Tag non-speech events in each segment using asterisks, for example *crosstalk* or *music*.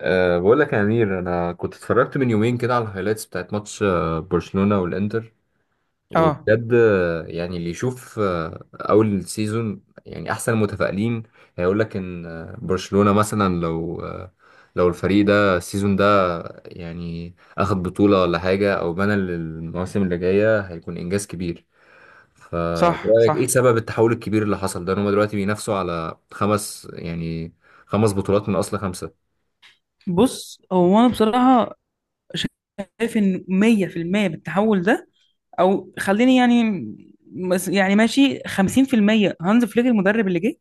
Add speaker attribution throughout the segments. Speaker 1: بقول لك يا أمير، أنا كنت اتفرجت من يومين كده على الهايلايتس بتاعت ماتش برشلونة والإنتر.
Speaker 2: اه،
Speaker 1: وبجد يعني اللي يشوف أول سيزون يعني أحسن المتفائلين هيقول لك إن برشلونة مثلا لو لو الفريق ده السيزون ده يعني أخد بطولة ولا حاجة، أو بنى للمواسم اللي جاية، هيكون إنجاز كبير.
Speaker 2: صح
Speaker 1: فبرأيك إيه
Speaker 2: صح.
Speaker 1: سبب التحول الكبير اللي حصل ده، إن هما دلوقتي بينافسوا على 5 يعني 5 بطولات من أصل 5؟
Speaker 2: بص، هو انا بصراحه شايف ان 100% من التحول ده، او خليني يعني، يعني ماشي 50% هانز فليك المدرب اللي جه،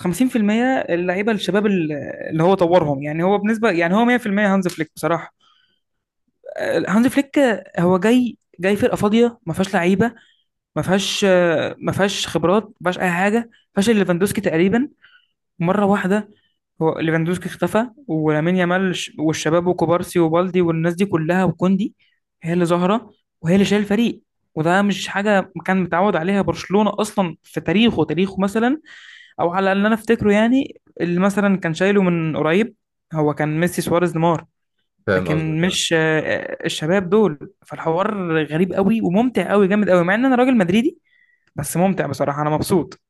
Speaker 2: و50% اللعيبه الشباب اللي هو طورهم، يعني هو بنسبه، يعني هو 100% هانز فليك بصراحه. هانز فليك هو جاي فرقه فاضيه، ما فيهاش لعيبه، ما فيهاش ما فيهاش خبرات، ما فيهاش اي حاجه، ما فيهاش إلا ليفاندوسكي تقريبا، مرة واحدة. هو ليفاندوسكي اختفى، ولامين يامال والشباب وكوبارسي وبالدي والناس دي كلها، وكوندي هي اللي ظاهرة، وهي اللي شايل الفريق. وده مش حاجة كان متعود عليها برشلونة أصلا في تاريخه، تاريخه مثلا، أو على اللي أنا أفتكره، يعني اللي مثلا كان شايله من قريب هو كان ميسي سواريز نيمار.
Speaker 1: فاهم قصدك
Speaker 2: لكن
Speaker 1: آه.
Speaker 2: مش، الشباب دول، فالحوار غريب قوي وممتع قوي جامد قوي، مع إن أنا راجل مدريدي، بس ممتع بصراحة، أنا مبسوط.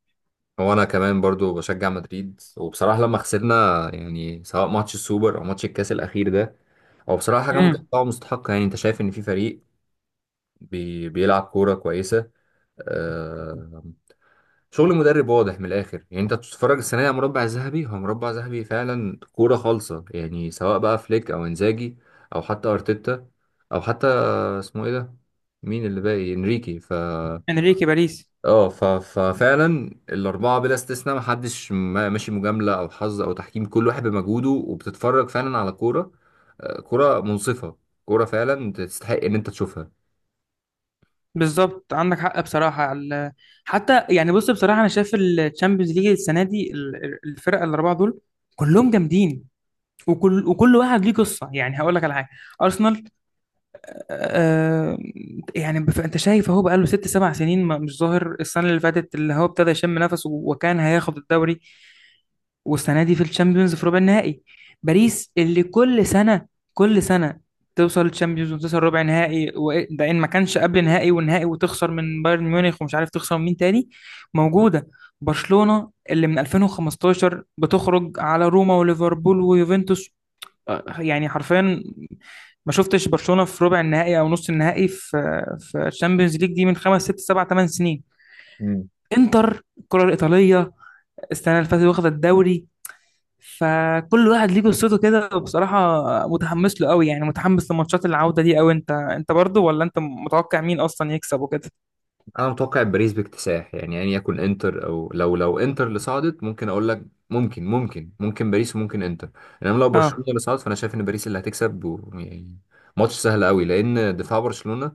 Speaker 1: هو انا كمان برضو بشجع مدريد، وبصراحه لما خسرنا يعني سواء ماتش السوبر او ماتش الكاس الاخير ده، هو بصراحه حاجه
Speaker 2: امم.
Speaker 1: متوقعه ومستحقه. يعني انت شايف ان في فريق بيلعب كوره كويسه، آه، شغل مدرب واضح من الاخر. يعني انت تتفرج السنه دي على مربع ذهبي، هو مربع ذهبي فعلا، كوره خالصه، يعني سواء بقى فليك او انزاجي او حتى ارتيتا، او حتى اسمه ايه ده، مين اللي باقي؟ انريكي.
Speaker 2: انريكي باريس.
Speaker 1: ففعلا الاربعه بلا استثناء محدش ماشي مجامله او حظ او تحكيم، كل واحد بمجهوده، وبتتفرج فعلا على كوره، كوره منصفه، كوره فعلا تستحق ان انت تشوفها.
Speaker 2: بالظبط، عندك حق بصراحة. حتى يعني، بص بصراحة، أنا شايف الشامبيونز ليج السنة دي الفرق الأربعة دول كلهم جامدين، وكل واحد ليه قصة. يعني هقول لك على حاجة، أرسنال، آه، يعني انت شايف اهو، بقاله ست سبع سنين مش ظاهر، السنه اللي فاتت اللي هو ابتدى يشم نفسه وكان هياخد الدوري، والسنه دي في الشامبيونز في ربع النهائي. باريس اللي كل سنه كل سنه توصل الشامبيونز وتوصل ربع نهائي، ده ان ما كانش قبل نهائي ونهائي وتخسر من بايرن ميونخ ومش عارف تخسر من مين تاني، موجوده. برشلونه اللي من 2015 بتخرج على روما وليفربول ويوفنتوس، يعني حرفيا ما شفتش برشلونة في ربع النهائي او نص النهائي في الشامبيونز ليج دي من خمس ست سبع ثمان سنين.
Speaker 1: مم.
Speaker 2: انتر، الكرة الإيطالية، السنة اللي فاتت واخدة الدوري. فكل واحد ليه قصته كده، بصراحة متحمس له قوي، يعني متحمس لماتشات العودة دي قوي. انت برضه، ولا انت متوقع مين اصلا يكسب وكده؟
Speaker 1: انا متوقع باريس باكتساح، يعني يكون انتر، او لو انتر اللي صعدت ممكن اقول لك ممكن ممكن باريس وممكن انتر. انما لو
Speaker 2: اه
Speaker 1: برشلونه اللي صعدت، فانا شايف ان باريس اللي هتكسب يعني ماتش سهل قوي، لان دفاع برشلونه،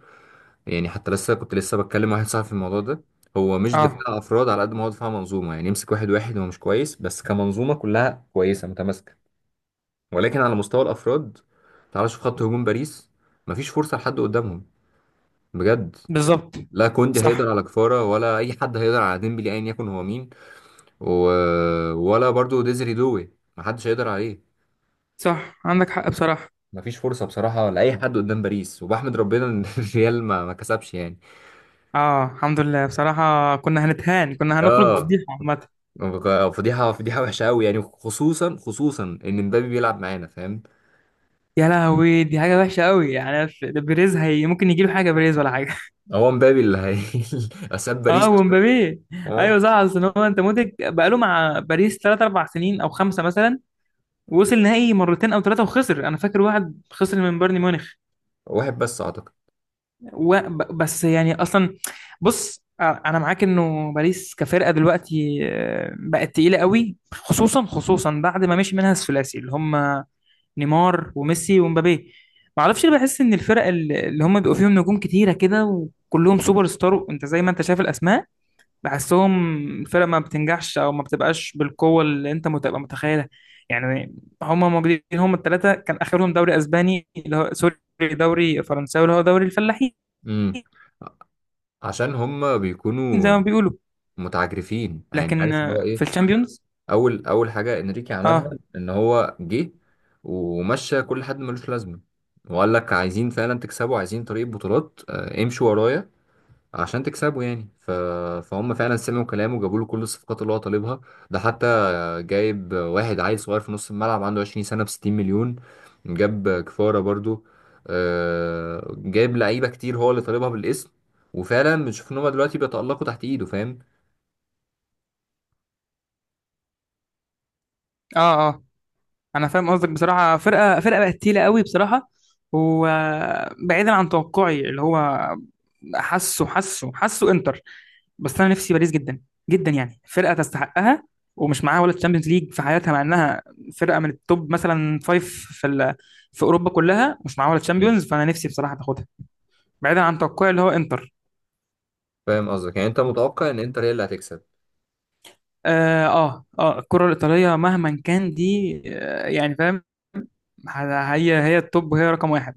Speaker 1: يعني حتى كنت لسه بتكلم واحد صاحبي في الموضوع ده، هو مش
Speaker 2: اه،
Speaker 1: دفاع افراد على قد ما هو دفاع منظومه، يعني يمسك واحد واحد هو مش كويس، بس كمنظومه كلها كويسه متماسكه. ولكن على مستوى الافراد، تعال شوف خط هجوم باريس، مفيش فرصه لحد قدامهم، بجد.
Speaker 2: بالظبط.
Speaker 1: لا كوندي
Speaker 2: صح
Speaker 1: هيقدر على كفاره، ولا اي حد هيقدر على ديمبلي ايا يكن هو مين. و... ولا برضو ديزري دوي محدش هيقدر عليه.
Speaker 2: صح، عندك حق بصراحة.
Speaker 1: مفيش فرصه بصراحه لاي حد قدام باريس، وبحمد ربنا ان *laughs* الريال ما كسبش يعني.
Speaker 2: اه، الحمد لله بصراحة، كنا هنتهان، كنا هنخرج
Speaker 1: اه
Speaker 2: بفضيحة عامة.
Speaker 1: فضيحة، فضيحة وحشة أوي، يعني خصوصا إن مبابي بيلعب معانا، فاهم.
Speaker 2: يا لهوي، دي حاجة وحشة قوي يعني، ده بيريز، هي ممكن يجيله حاجة بيريز ولا حاجة؟
Speaker 1: هو مبابي اللي هي *laughs* أساب باريس.
Speaker 2: اه، *laughs* ومبابي.
Speaker 1: اه،
Speaker 2: ايوه صح، اصل هو، انت مودريك بقاله مع باريس 3 4 سنين او خمسه مثلا، وصل نهائي مرتين او ثلاثه وخسر، انا فاكر واحد خسر من بايرن ميونخ.
Speaker 1: واحد بس أعتقد.
Speaker 2: بس يعني اصلا، بص انا معاك انه باريس كفرقه دلوقتي بقت تقيله قوي، خصوصا خصوصا بعد ما مشي منها الثلاثي اللي هم نيمار وميسي ومبابي. ما اعرفش ليه بحس ان الفرق اللي هم بيبقوا فيهم نجوم كتيره كده وكلهم سوبر ستار، انت زي ما انت شايف الاسماء، بحسهم الفرقة ما بتنجحش أو ما بتبقاش بالقوة اللي أنت بتبقى متخيلها يعني. هما موجودين، هما التلاتة، كان آخرهم دوري أسباني اللي هو سوري، دوري فرنساوي اللي هو دوري الفلاحين
Speaker 1: امم، عشان هم
Speaker 2: زي
Speaker 1: بيكونوا
Speaker 2: ما بيقولوا.
Speaker 1: متعجرفين، يعني
Speaker 2: لكن
Speaker 1: عارف اللي هو
Speaker 2: في
Speaker 1: إيه.
Speaker 2: الشامبيونز.
Speaker 1: أول حاجة إنريكي عملها،
Speaker 2: اه
Speaker 1: إن هو جه ومشى كل حد ملوش لازمة، وقال لك عايزين فعلا تكسبوا، عايزين طريق بطولات، امشوا ورايا عشان تكسبوا يعني فهم فعلا سمعوا كلامه وجابوا له كل الصفقات اللي هو طالبها. ده حتى جايب واحد عيل صغير في نص الملعب عنده 20 سنة ب 60 مليون. جاب كفارة برضو، جايب لعيبة كتير هو اللي طالبها بالاسم، وفعلا بنشوف ان هما دلوقتي بيتألقوا تحت ايده، فاهم.
Speaker 2: اه اه، انا فاهم قصدك بصراحه، فرقه، فرقه بقت تقيله قوي بصراحه، وبعيدا عن توقعي اللي هو، حاسه حاسه حاسه انتر. بس انا نفسي باريس جدا جدا، يعني فرقه تستحقها، ومش معاها ولا تشامبيونز ليج في حياتها، مع انها فرقه من التوب مثلا، فايف في في اوروبا كلها، مش معاها ولا
Speaker 1: مم.
Speaker 2: تشامبيونز، فانا نفسي بصراحه تاخدها، بعيدا عن توقعي اللي هو انتر.
Speaker 1: فاهم قصدك، يعني انت متوقع ان انتر هي اللي هتكسب؟
Speaker 2: اه اه, الكره الايطاليه مهما كان دي، يعني فاهم، هي التوب، وهي رقم واحد.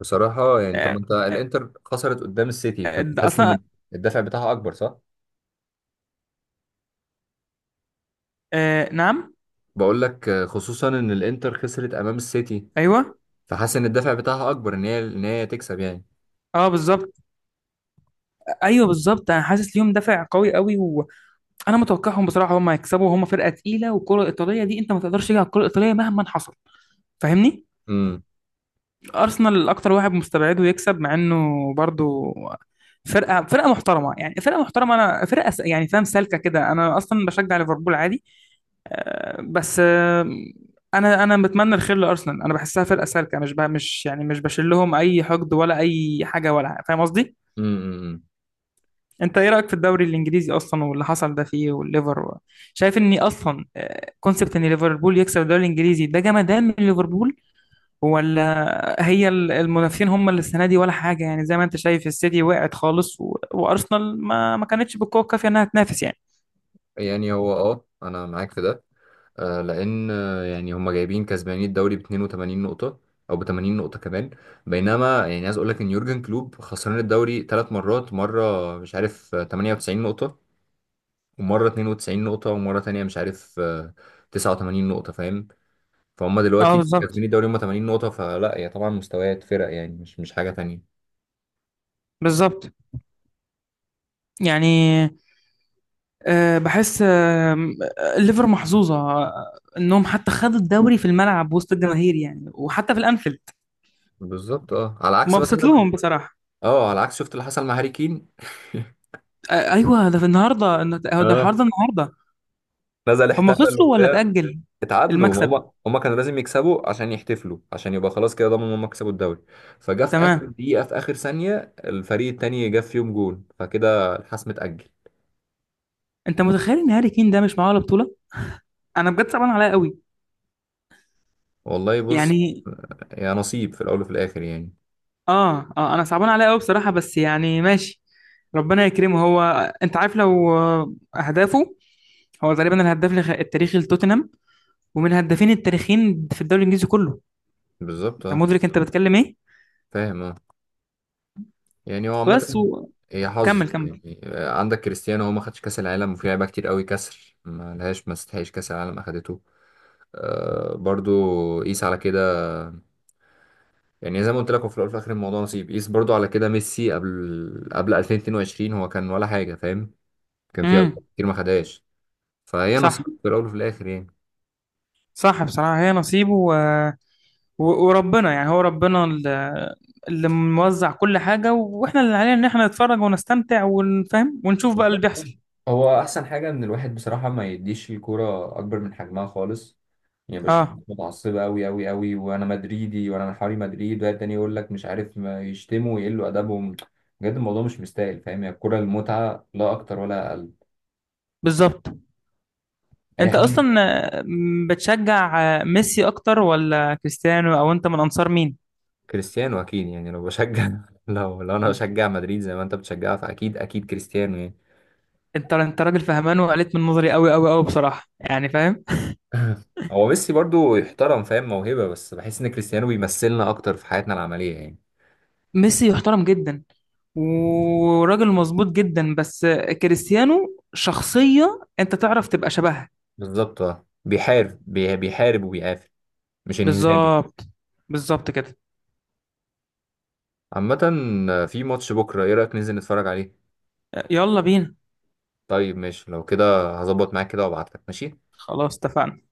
Speaker 1: بصراحة يعني طب
Speaker 2: بصراحه،
Speaker 1: انت الانتر خسرت قدام السيتي، فانت
Speaker 2: ده
Speaker 1: حاسس
Speaker 2: اصلا.
Speaker 1: ان الدفع بتاعها اكبر صح؟
Speaker 2: آه نعم.
Speaker 1: بقول لك خصوصا ان الانتر خسرت امام السيتي،
Speaker 2: ايوه.
Speaker 1: فحاسس ان الدفع بتاعها اكبر، ان هي تكسب يعني.
Speaker 2: اه بالظبط. ايوه بالظبط، انا حاسس ليهم دافع قوي قوي، وانا متوقعهم بصراحه هم يكسبوا، هم فرقه تقيله، والكره الايطاليه دي انت ما تقدرش تيجي على الكره الايطاليه مهما حصل، فاهمني؟
Speaker 1: امم
Speaker 2: ارسنال اكتر واحد مستبعده يكسب، مع انه برضو فرقه، فرقه محترمه، يعني فرقه محترمه، انا فرقه يعني فاهم، سالكه كده، انا اصلا بشجع ليفربول عادي. بس، انا بتمنى الخير لارسنال، انا بحسها فرقه سالكه، مش بقى مش يعني، مش بشيل لهم اي حقد ولا اي حاجه ولا، فاهم قصدي؟
Speaker 1: امم.
Speaker 2: انت ايه رايك في الدوري الانجليزي اصلا، واللي حصل ده فيه، والليفر شايف ان اصلا كونسبت ان ليفربول يكسب الدوري الانجليزي ده جمدان من ليفربول، ولا هي المنافسين هم اللي السنه دي ولا حاجه، يعني زي ما انت شايف السيتي وقعت خالص وارسنال ما كانتش بالقوه الكافيه انها تنافس يعني؟
Speaker 1: يعني هو اه انا معاك في ده، لان يعني هم جايبين كسبانين الدوري ب 82 نقطه او ب 80 نقطه كمان، بينما يعني عايز اقول لك ان يورجن كلوب خسران الدوري 3 مرات، مره مش عارف 98 نقطه، ومره 92 نقطه، ومره تانية مش عارف 89 نقطه، فاهم. فهم
Speaker 2: اه
Speaker 1: دلوقتي كسبانين
Speaker 2: بالظبط،
Speaker 1: الدوري هم 80 نقطه، فلا هي طبعا مستويات فرق، يعني مش حاجه تانية.
Speaker 2: بالظبط يعني. بحس الليفر محظوظه، انهم حتى خدوا الدوري في الملعب وسط الجماهير، يعني وحتى في الانفيلد.
Speaker 1: بالظبط اه، على عكس
Speaker 2: مبسوط
Speaker 1: مثلا،
Speaker 2: لهم بصراحه.
Speaker 1: اه على عكس، شفت اللي حصل مع هاري كين *laughs*
Speaker 2: ايوه، ده في النهارده، هو ده الحوار
Speaker 1: اه،
Speaker 2: ده النهارده.
Speaker 1: نزل
Speaker 2: هم
Speaker 1: احتفل،
Speaker 2: خسروا ولا اتأجل؟
Speaker 1: اتعادلوا.
Speaker 2: المكسب،
Speaker 1: هما كانوا لازم يكسبوا عشان يحتفلوا، عشان يبقى خلاص كده ضمنوا ان هما كسبوا الدوري. فجا في اخر
Speaker 2: تمام.
Speaker 1: دقيقة في اخر ثانية الفريق التاني جاب فيهم جون، فكده الحسم اتأجل.
Speaker 2: انت متخيل ان هاري كين ده مش معاه ولا بطولة؟ انا بجد صعبان عليا قوي
Speaker 1: والله بص،
Speaker 2: يعني.
Speaker 1: يا نصيب في الاول وفي الاخر يعني.
Speaker 2: اه اه، انا صعبان عليا قوي بصراحة، بس يعني ماشي، ربنا يكرمه هو. انت عارف لو اهدافه، هو تقريبا الهداف التاريخي لتوتنهام، ومن الهدافين التاريخيين في الدوري الانجليزي كله،
Speaker 1: بالظبط
Speaker 2: انت
Speaker 1: اه،
Speaker 2: مدرك انت بتتكلم ايه؟
Speaker 1: فاهم اه. يعني هو عامة
Speaker 2: بس
Speaker 1: هي حظ،
Speaker 2: وكمل. كمل.
Speaker 1: يعني عندك كريستيانو هو ما خدش كاس العالم، وفي لعيبه كتير قوي كسر ما لهاش ما استحقش كاس العالم اخدته، آه برضو. قيس على كده، يعني زي ما قلت لك هو في الاول وفي الاخر الموضوع نصيب. قيس برضو على كده ميسي، قبل 2022 هو كان ولا حاجه، فاهم، كان في
Speaker 2: امم
Speaker 1: أوقات كتير ما خدهاش. فهي
Speaker 2: صح
Speaker 1: نصيب في الاول وفي الاخر يعني.
Speaker 2: صح بصراحة، هي نصيبه، وربنا يعني، هو ربنا اللي موزع كل حاجة، واحنا اللي علينا ان احنا نتفرج ونستمتع ونفهم ونشوف بقى اللي
Speaker 1: بالظبط.
Speaker 2: بيحصل.
Speaker 1: هو احسن حاجه ان الواحد بصراحه ما يديش الكوره اكبر من حجمها خالص. يعني بشوف
Speaker 2: اه
Speaker 1: ناس متعصبه قوي، وانا مدريدي وانا من حواري مدريد، وقاعد تاني يقول لك مش عارف، ما يشتموا ويقلوا ادبهم. بجد الموضوع مش مستاهل، فاهم. هي الكوره المتعه لا اكتر ولا اقل،
Speaker 2: بالظبط.
Speaker 1: اي
Speaker 2: انت
Speaker 1: حاجه.
Speaker 2: اصلا بتشجع ميسي اكتر ولا كريستيانو، او انت من انصار مين؟
Speaker 1: كريستيانو اكيد يعني، لو بشجع *laughs* لو انا بشجع مدريد زي ما انت بتشجعها، فاكيد كريستيانو يعني.
Speaker 2: انت راجل فهمان، وقلت من نظري قوي قوي قوي بصراحة يعني، فاهم.
Speaker 1: *laughs* هو ميسي برضو يحترم، فاهم، موهبة، بس بحس ان كريستيانو بيمثلنا اكتر في حياتنا العملية يعني.
Speaker 2: ميسي يحترم جدا، وراجل مظبوط جدا، بس كريستيانو شخصية انت تعرف تبقى شبهها.
Speaker 1: بالظبط اه، بيحارب، بيحارب وبيقاتل، مش انهزامي.
Speaker 2: بالظبط، بالظبط كده.
Speaker 1: عامة في ماتش بكرة، ايه رأيك ننزل نتفرج عليه؟
Speaker 2: يلا بينا.
Speaker 1: طيب ماشي، لو كده هظبط معاك كده وابعتلك، ماشي.
Speaker 2: خلاص اتفقنا.